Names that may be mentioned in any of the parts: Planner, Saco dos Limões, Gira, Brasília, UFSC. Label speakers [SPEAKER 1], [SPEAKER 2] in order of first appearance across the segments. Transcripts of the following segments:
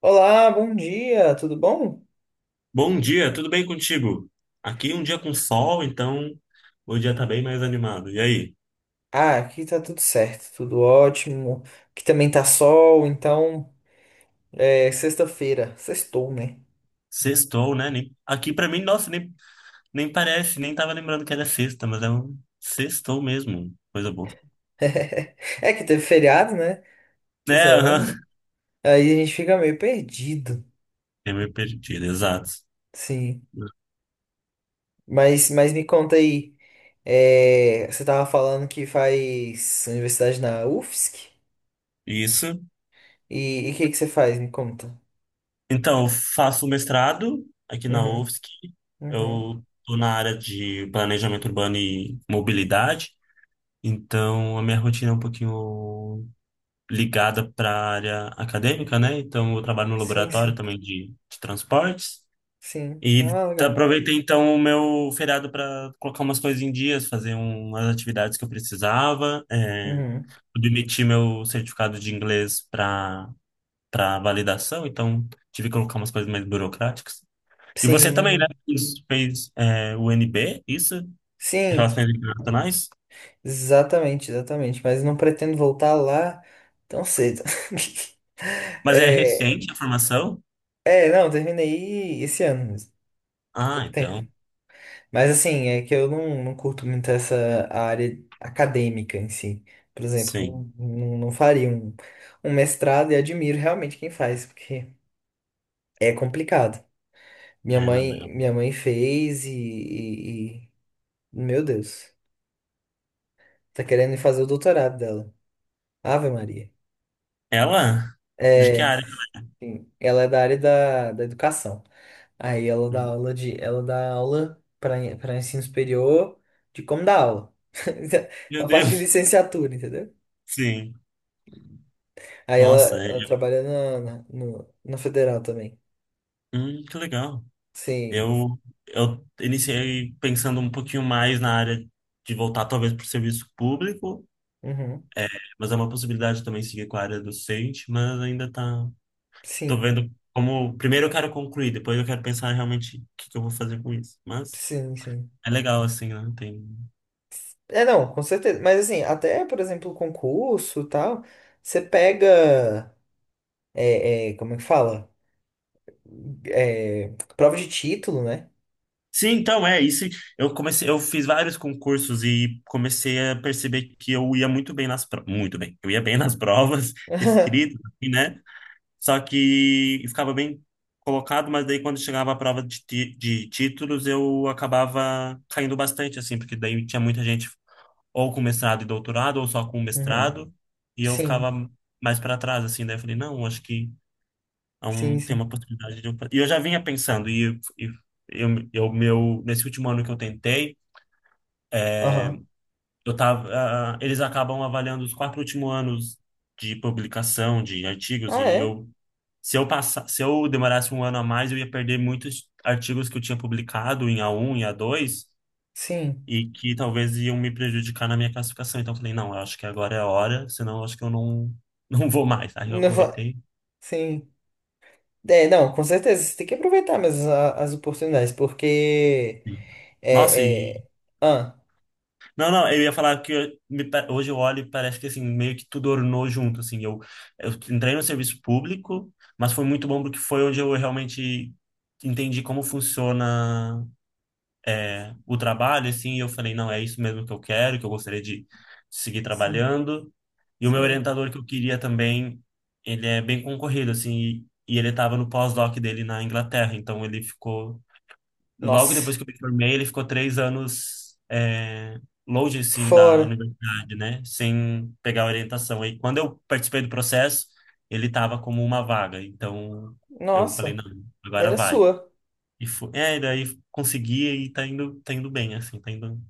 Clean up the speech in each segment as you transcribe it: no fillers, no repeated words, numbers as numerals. [SPEAKER 1] Olá, bom dia, tudo bom?
[SPEAKER 2] Bom dia, tudo bem contigo? Aqui um dia com sol, então o dia tá bem mais animado. E aí?
[SPEAKER 1] Ah, aqui tá tudo certo, tudo ótimo. Aqui também tá sol, então é sexta-feira, sextou, né?
[SPEAKER 2] Sextou, né? Aqui pra mim, nossa, nem parece, nem tava lembrando que era sexta, mas é um sextou mesmo. Coisa boa.
[SPEAKER 1] É que teve feriado, né?
[SPEAKER 2] É,
[SPEAKER 1] Essa semana.
[SPEAKER 2] aham.
[SPEAKER 1] Aí a gente fica meio perdido,
[SPEAKER 2] Eu me perdi, exato.
[SPEAKER 1] sim. Mas me conta aí, você tava falando que faz universidade na UFSC?
[SPEAKER 2] Isso.
[SPEAKER 1] E o que que você faz? Me conta.
[SPEAKER 2] Então, eu faço mestrado aqui na
[SPEAKER 1] Uhum,
[SPEAKER 2] UFSC.
[SPEAKER 1] uhum.
[SPEAKER 2] Eu tô na área de planejamento urbano e mobilidade. Então, a minha rotina é um pouquinho ligada para a área acadêmica, né? Então, eu trabalho no
[SPEAKER 1] Sim,
[SPEAKER 2] laboratório
[SPEAKER 1] sim,
[SPEAKER 2] também de transportes.
[SPEAKER 1] sim. Ah, legal.
[SPEAKER 2] Aproveitei, então, o meu feriado para colocar umas coisas em dias, fazer umas atividades que eu precisava. É,
[SPEAKER 1] Uhum.
[SPEAKER 2] pude emitir meu certificado de inglês para validação, então tive que colocar umas coisas mais burocráticas. E
[SPEAKER 1] Sim,
[SPEAKER 2] você também, né?
[SPEAKER 1] imagino.
[SPEAKER 2] Fez, o NB, isso?
[SPEAKER 1] Sim.
[SPEAKER 2] Relações Internacionais?
[SPEAKER 1] Exatamente, exatamente. Mas não pretendo voltar lá tão cedo.
[SPEAKER 2] Mas é
[SPEAKER 1] É,
[SPEAKER 2] recente a formação?
[SPEAKER 1] não, terminei esse ano mesmo. Tem
[SPEAKER 2] Ah,
[SPEAKER 1] pouco tempo.
[SPEAKER 2] então,
[SPEAKER 1] Mas assim, é que eu não curto muito essa área acadêmica em si. Por
[SPEAKER 2] sim.
[SPEAKER 1] exemplo, não faria um, um mestrado e admiro realmente quem faz, porque é complicado.
[SPEAKER 2] É, não, é.
[SPEAKER 1] Minha mãe fez e meu Deus, tá querendo ir fazer o doutorado dela. Ave Maria.
[SPEAKER 2] Ela? De que
[SPEAKER 1] É,
[SPEAKER 2] área?
[SPEAKER 1] sim, ela é da área da, da educação. Aí ela dá aula de, ela dá aula para para ensino superior de como dar aula.
[SPEAKER 2] Meu
[SPEAKER 1] A parte de
[SPEAKER 2] Deus.
[SPEAKER 1] licenciatura, entendeu?
[SPEAKER 2] Sim.
[SPEAKER 1] Aí ela,
[SPEAKER 2] Nossa,
[SPEAKER 1] ela trabalha na, na, no- na federal também.
[SPEAKER 2] que legal.
[SPEAKER 1] Sim.
[SPEAKER 2] Eu, eu iniciei pensando um pouquinho mais na área de voltar talvez para o serviço público,
[SPEAKER 1] Uhum.
[SPEAKER 2] mas é uma possibilidade também seguir com a área docente, mas ainda tô
[SPEAKER 1] Sim.
[SPEAKER 2] vendo como, primeiro eu quero concluir, depois eu quero pensar realmente o que que eu vou fazer com isso. Mas
[SPEAKER 1] Sim, sim.
[SPEAKER 2] é legal assim, né? Tem
[SPEAKER 1] É, não, com certeza. Mas assim, até, por exemplo, concurso e tal, você pega. Como é que fala? É, prova de título, né?
[SPEAKER 2] Sim, então é isso. Eu comecei, eu fiz vários concursos e comecei a perceber que eu ia muito bem nas provas, muito bem. Eu ia bem nas provas, escrito, assim, né? Só que eu ficava bem colocado, mas daí quando chegava a prova de, de títulos, eu acabava caindo bastante assim, porque daí tinha muita gente ou com mestrado e doutorado ou só com
[SPEAKER 1] Uhum.
[SPEAKER 2] mestrado, e eu ficava
[SPEAKER 1] Sim.
[SPEAKER 2] mais para trás assim, daí eu falei, não, acho que é
[SPEAKER 1] Sim,
[SPEAKER 2] um, tem uma
[SPEAKER 1] sim.
[SPEAKER 2] oportunidade de... E eu já vinha pensando, e eu, nesse último ano que eu tentei,
[SPEAKER 1] Aham.
[SPEAKER 2] eu tava, eles acabam avaliando os quatro últimos anos de publicação de artigos,
[SPEAKER 1] Ah,
[SPEAKER 2] e
[SPEAKER 1] é?
[SPEAKER 2] eu, se eu passar, se eu demorasse um ano a mais, eu ia perder muitos artigos que eu tinha publicado em A1 e A2
[SPEAKER 1] Sim.
[SPEAKER 2] e que talvez iam me prejudicar na minha classificação. Então eu falei, não, eu acho que agora é a hora, senão eu acho que eu não, não vou mais. Aí eu
[SPEAKER 1] Não va-
[SPEAKER 2] aproveitei.
[SPEAKER 1] Sim. É, não, com certeza. Você tem que aproveitar mesmo a- as oportunidades, porque.
[SPEAKER 2] Nossa,
[SPEAKER 1] É, é... Ah,
[SPEAKER 2] Não, não, eu ia falar que hoje eu olho e parece que assim, meio que tudo ornou junto, assim, eu entrei no serviço público, mas foi muito bom porque foi onde eu realmente entendi como funciona o trabalho, assim, e eu falei, não, é isso mesmo que eu quero, que eu gostaria de seguir
[SPEAKER 1] sim,
[SPEAKER 2] trabalhando, e o meu
[SPEAKER 1] sim.
[SPEAKER 2] orientador que eu queria também, ele é bem concorrido, assim, e ele estava no pós-doc dele na Inglaterra, então ele ficou logo depois
[SPEAKER 1] Nossa.
[SPEAKER 2] que eu me formei, ele ficou 3 anos longe, assim, da
[SPEAKER 1] Fora.
[SPEAKER 2] universidade, né? Sem pegar orientação. Aí, quando eu participei do processo, ele estava como uma vaga. Então, eu falei,
[SPEAKER 1] Nossa.
[SPEAKER 2] não, agora
[SPEAKER 1] Era
[SPEAKER 2] vai.
[SPEAKER 1] sua.
[SPEAKER 2] E foi, daí consegui e tá indo bem, assim, tá indo,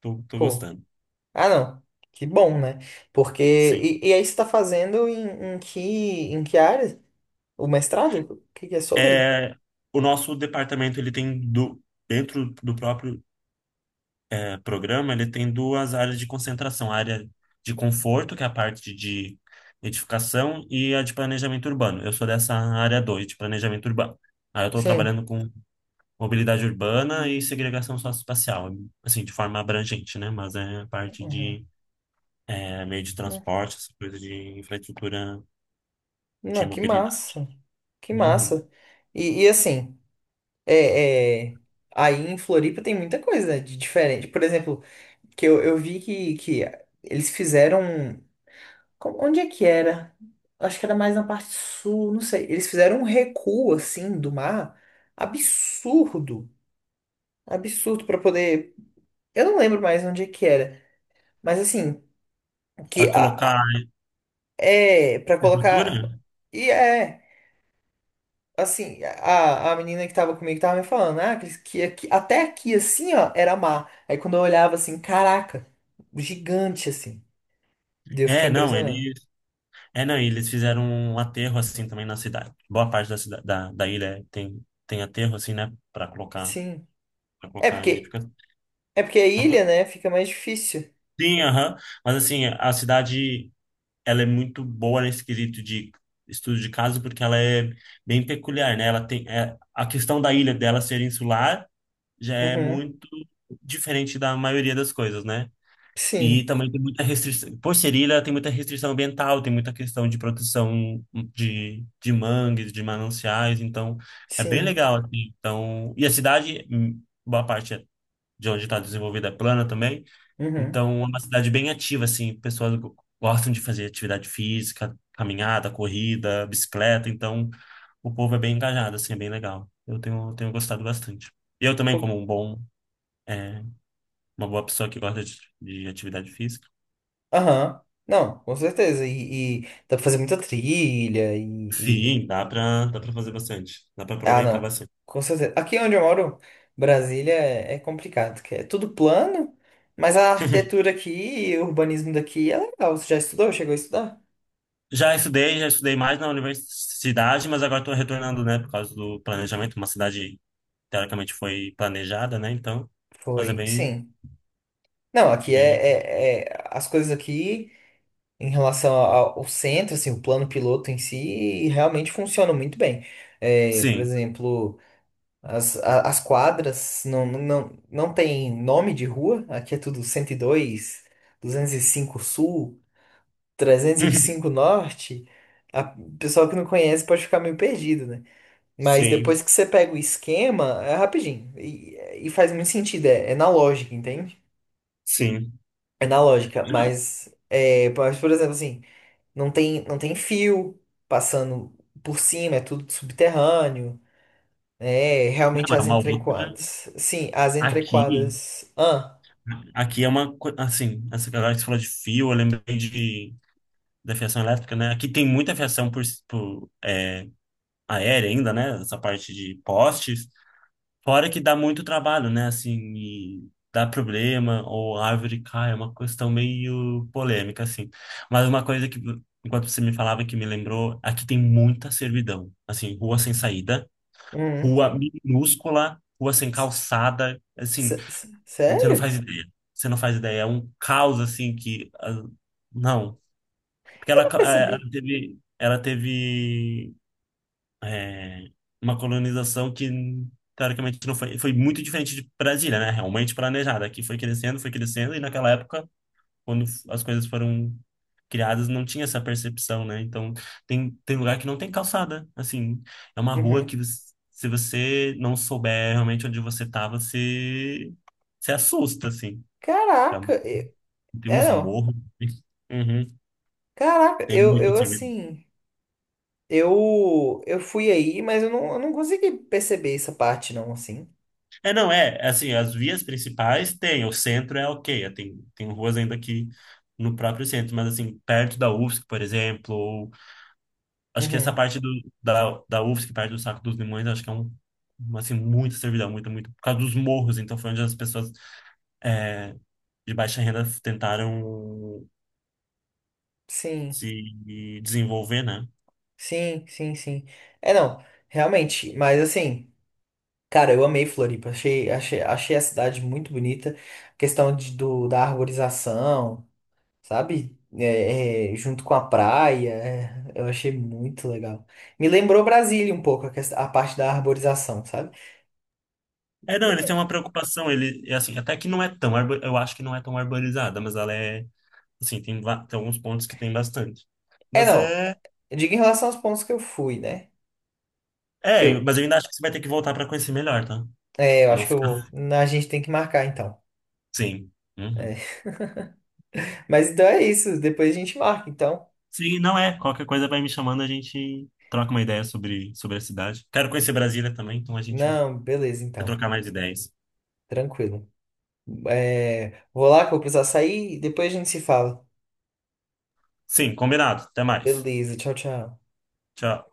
[SPEAKER 2] tô
[SPEAKER 1] Pô.
[SPEAKER 2] gostando.
[SPEAKER 1] Ah, não. Que bom, né? Porque.
[SPEAKER 2] Sim.
[SPEAKER 1] E aí você tá fazendo em, em que área? O mestrado? O que que é sobre?
[SPEAKER 2] É, o nosso departamento, ele tem, dentro do próprio programa, ele tem duas áreas de concentração, a área de conforto, que é a parte de edificação, e a de planejamento urbano. Eu sou dessa área 2, de planejamento urbano. Aí eu estou
[SPEAKER 1] Sim.
[SPEAKER 2] trabalhando com mobilidade urbana e segregação socioespacial, assim, de forma abrangente, né? Mas é a parte
[SPEAKER 1] Uhum.
[SPEAKER 2] de meio de transporte, essa coisa de infraestrutura de
[SPEAKER 1] Não, que
[SPEAKER 2] mobilidade.
[SPEAKER 1] massa. Que
[SPEAKER 2] Uhum.
[SPEAKER 1] massa. E e assim. É, é, aí em Floripa tem muita coisa de diferente. Por exemplo, que eu vi que eles fizeram. Co- Onde é que era? Acho que era mais na parte sul, não sei. Eles fizeram um recuo assim do mar absurdo. Absurdo para poder. Eu não lembro mais onde é que era. Mas assim, que
[SPEAKER 2] Para colocar a
[SPEAKER 1] a- é para
[SPEAKER 2] infraestrutura?
[SPEAKER 1] colocar. E é. Assim, a menina que tava comigo tava me falando, ah, que aqui- até aqui, assim, ó, era mar. Aí quando eu olhava assim, caraca, gigante, assim. Daí eu fiquei
[SPEAKER 2] É, não,
[SPEAKER 1] impressionado.
[SPEAKER 2] ele é, não, e eles fizeram um aterro assim também na cidade. Boa parte da cidade, da ilha tem aterro assim, né, para colocar
[SPEAKER 1] Sim.
[SPEAKER 2] para
[SPEAKER 1] É
[SPEAKER 2] colocar a gente
[SPEAKER 1] porque,
[SPEAKER 2] fica-
[SPEAKER 1] é porque a
[SPEAKER 2] Opa.
[SPEAKER 1] ilha, né, fica mais difícil.
[SPEAKER 2] Sim, aham. Mas assim, a cidade ela é muito boa nesse quesito de estudo de caso porque ela é bem peculiar, né? Ela tem a questão da ilha dela ser insular já é
[SPEAKER 1] Uhum.
[SPEAKER 2] muito diferente da maioria das coisas, né? E
[SPEAKER 1] Sim,
[SPEAKER 2] também tem muita restrição. Por ser ilha, tem muita restrição ambiental, tem muita questão de proteção de mangues, de mananciais. Então, é bem
[SPEAKER 1] sim.
[SPEAKER 2] legal, assim. Então, e a cidade, boa parte é de onde está desenvolvida é plana também.
[SPEAKER 1] Uhum.
[SPEAKER 2] Então, é uma cidade bem ativa, assim. Pessoas gostam de fazer atividade física, caminhada, corrida, bicicleta. Então, o povo é bem engajado, assim, é bem legal. Eu tenho gostado bastante. E eu também, como
[SPEAKER 1] Pô,
[SPEAKER 2] um bom, é, uma boa pessoa que gosta de atividade física.
[SPEAKER 1] aham. Não, com certeza. E dá pra fazer muita trilha e,
[SPEAKER 2] Sim, dá pra fazer bastante. Dá pra
[SPEAKER 1] ah,
[SPEAKER 2] aproveitar
[SPEAKER 1] não.
[SPEAKER 2] bastante.
[SPEAKER 1] Com certeza. Aqui onde eu moro, Brasília, é complicado, que é tudo plano, mas a arquitetura aqui e o urbanismo daqui é legal. Você já estudou? Chegou a estudar?
[SPEAKER 2] Já estudei mais na universidade, mas agora tô retornando, né, por causa do planejamento. Uma cidade, teoricamente, foi planejada, né, então. Mas é
[SPEAKER 1] Foi,
[SPEAKER 2] bem,
[SPEAKER 1] sim. Não, aqui
[SPEAKER 2] bem.
[SPEAKER 1] é, é- é- as coisas aqui em relação ao, ao centro, assim, o plano piloto em si, realmente funcionam muito bem. É, por
[SPEAKER 2] Sim,
[SPEAKER 1] exemplo, as quadras não tem nome de rua, aqui é tudo 102, 205 Sul. 305 Norte, a o pessoal que não conhece pode ficar meio perdido, né? Mas
[SPEAKER 2] sim,
[SPEAKER 1] depois que você pega o esquema, é rapidinho. E faz muito sentido, é, é na lógica, entende?
[SPEAKER 2] sim.
[SPEAKER 1] É na lógica, mas, é, mas, por exemplo, assim, não tem fio passando por cima, é tudo subterrâneo, né? Realmente
[SPEAKER 2] Não, é
[SPEAKER 1] as
[SPEAKER 2] uma outra.
[SPEAKER 1] entrequadras. Sim, as
[SPEAKER 2] Aqui,
[SPEAKER 1] entrequadras. Ah,
[SPEAKER 2] Aqui é uma. Assim, essa galera que você falou de fio, eu lembrei da fiação elétrica, né? Aqui tem muita fiação por aérea ainda, né? Essa parte de postes. Fora que dá muito trabalho, né? Assim, e dá problema, ou a árvore cai, é uma questão meio polêmica, assim. Mas uma coisa que, enquanto você me falava, que me lembrou, aqui tem muita servidão. Assim, rua sem saída,
[SPEAKER 1] uhum.
[SPEAKER 2] rua minúscula, rua sem calçada, assim, você não
[SPEAKER 1] Sério?
[SPEAKER 2] faz ideia. Você não faz ideia. É um caos, assim, que. Não. Porque
[SPEAKER 1] Eu
[SPEAKER 2] ela,
[SPEAKER 1] não
[SPEAKER 2] ca- eh,
[SPEAKER 1] percebi.
[SPEAKER 2] ela teve. Ela teve é, uma colonização que teoricamente não foi muito diferente de Brasília, né? Realmente planejada, que foi crescendo, e naquela época, quando as coisas foram criadas, não tinha essa percepção, né? Então, tem lugar que não tem calçada, assim, é uma rua
[SPEAKER 1] Uhum.
[SPEAKER 2] que se você não souber realmente onde você tava, você se assusta, assim. É
[SPEAKER 1] Caraca,
[SPEAKER 2] uma-
[SPEAKER 1] eu-
[SPEAKER 2] Tem
[SPEAKER 1] é
[SPEAKER 2] uns
[SPEAKER 1] não.
[SPEAKER 2] morros. Uhum.
[SPEAKER 1] Caraca,
[SPEAKER 2] Tem
[SPEAKER 1] eu,
[SPEAKER 2] muito
[SPEAKER 1] eu
[SPEAKER 2] serviço.
[SPEAKER 1] assim, eu eu fui aí, mas eu não consegui perceber essa parte não, assim.
[SPEAKER 2] É, não, é, assim, as vias principais tem, o centro é ok, tem ruas ainda aqui no próprio centro, mas assim, perto da UFSC, por exemplo, ou, acho que essa
[SPEAKER 1] Uhum.
[SPEAKER 2] parte da UFSC, perto do Saco dos Limões, acho que é uma, assim, muita servidão, muito, muito, por causa dos morros, então foi onde as pessoas é, de baixa renda tentaram
[SPEAKER 1] Sim,
[SPEAKER 2] se desenvolver, né?
[SPEAKER 1] sim, sim, sim. É não, realmente, mas assim, cara, eu amei Floripa, achei a cidade muito bonita, questão de, do, da arborização, sabe? É, é, junto com a praia, é, eu achei muito legal. Me lembrou Brasília um pouco, a, quest- a parte da arborização, sabe?
[SPEAKER 2] É, não, eles têm uma preocupação, ele, é assim, até que não é tão, eu acho que não é tão arborizada, mas ela é, assim, tem, tem alguns pontos que tem bastante.
[SPEAKER 1] É
[SPEAKER 2] Mas
[SPEAKER 1] não,
[SPEAKER 2] é,
[SPEAKER 1] eu digo em relação aos pontos que eu fui, né?
[SPEAKER 2] mas eu ainda acho que você vai ter que voltar para conhecer melhor, tá?
[SPEAKER 1] É, eu
[SPEAKER 2] Não
[SPEAKER 1] acho que
[SPEAKER 2] ficar,
[SPEAKER 1] a gente tem que marcar então.
[SPEAKER 2] sim. Uhum.
[SPEAKER 1] É. Mas então é isso, depois a gente marca então.
[SPEAKER 2] Sim, não é, qualquer coisa vai me chamando, a gente troca uma ideia sobre a cidade. Quero conhecer Brasília também, então a gente
[SPEAKER 1] Não, beleza
[SPEAKER 2] vai
[SPEAKER 1] então,
[SPEAKER 2] trocar mais ideias.
[SPEAKER 1] tranquilo. É, vou lá que eu vou precisar sair e depois a gente se fala.
[SPEAKER 2] Sim, combinado, até mais.
[SPEAKER 1] Beleza, tchau, tchau.
[SPEAKER 2] Tchau.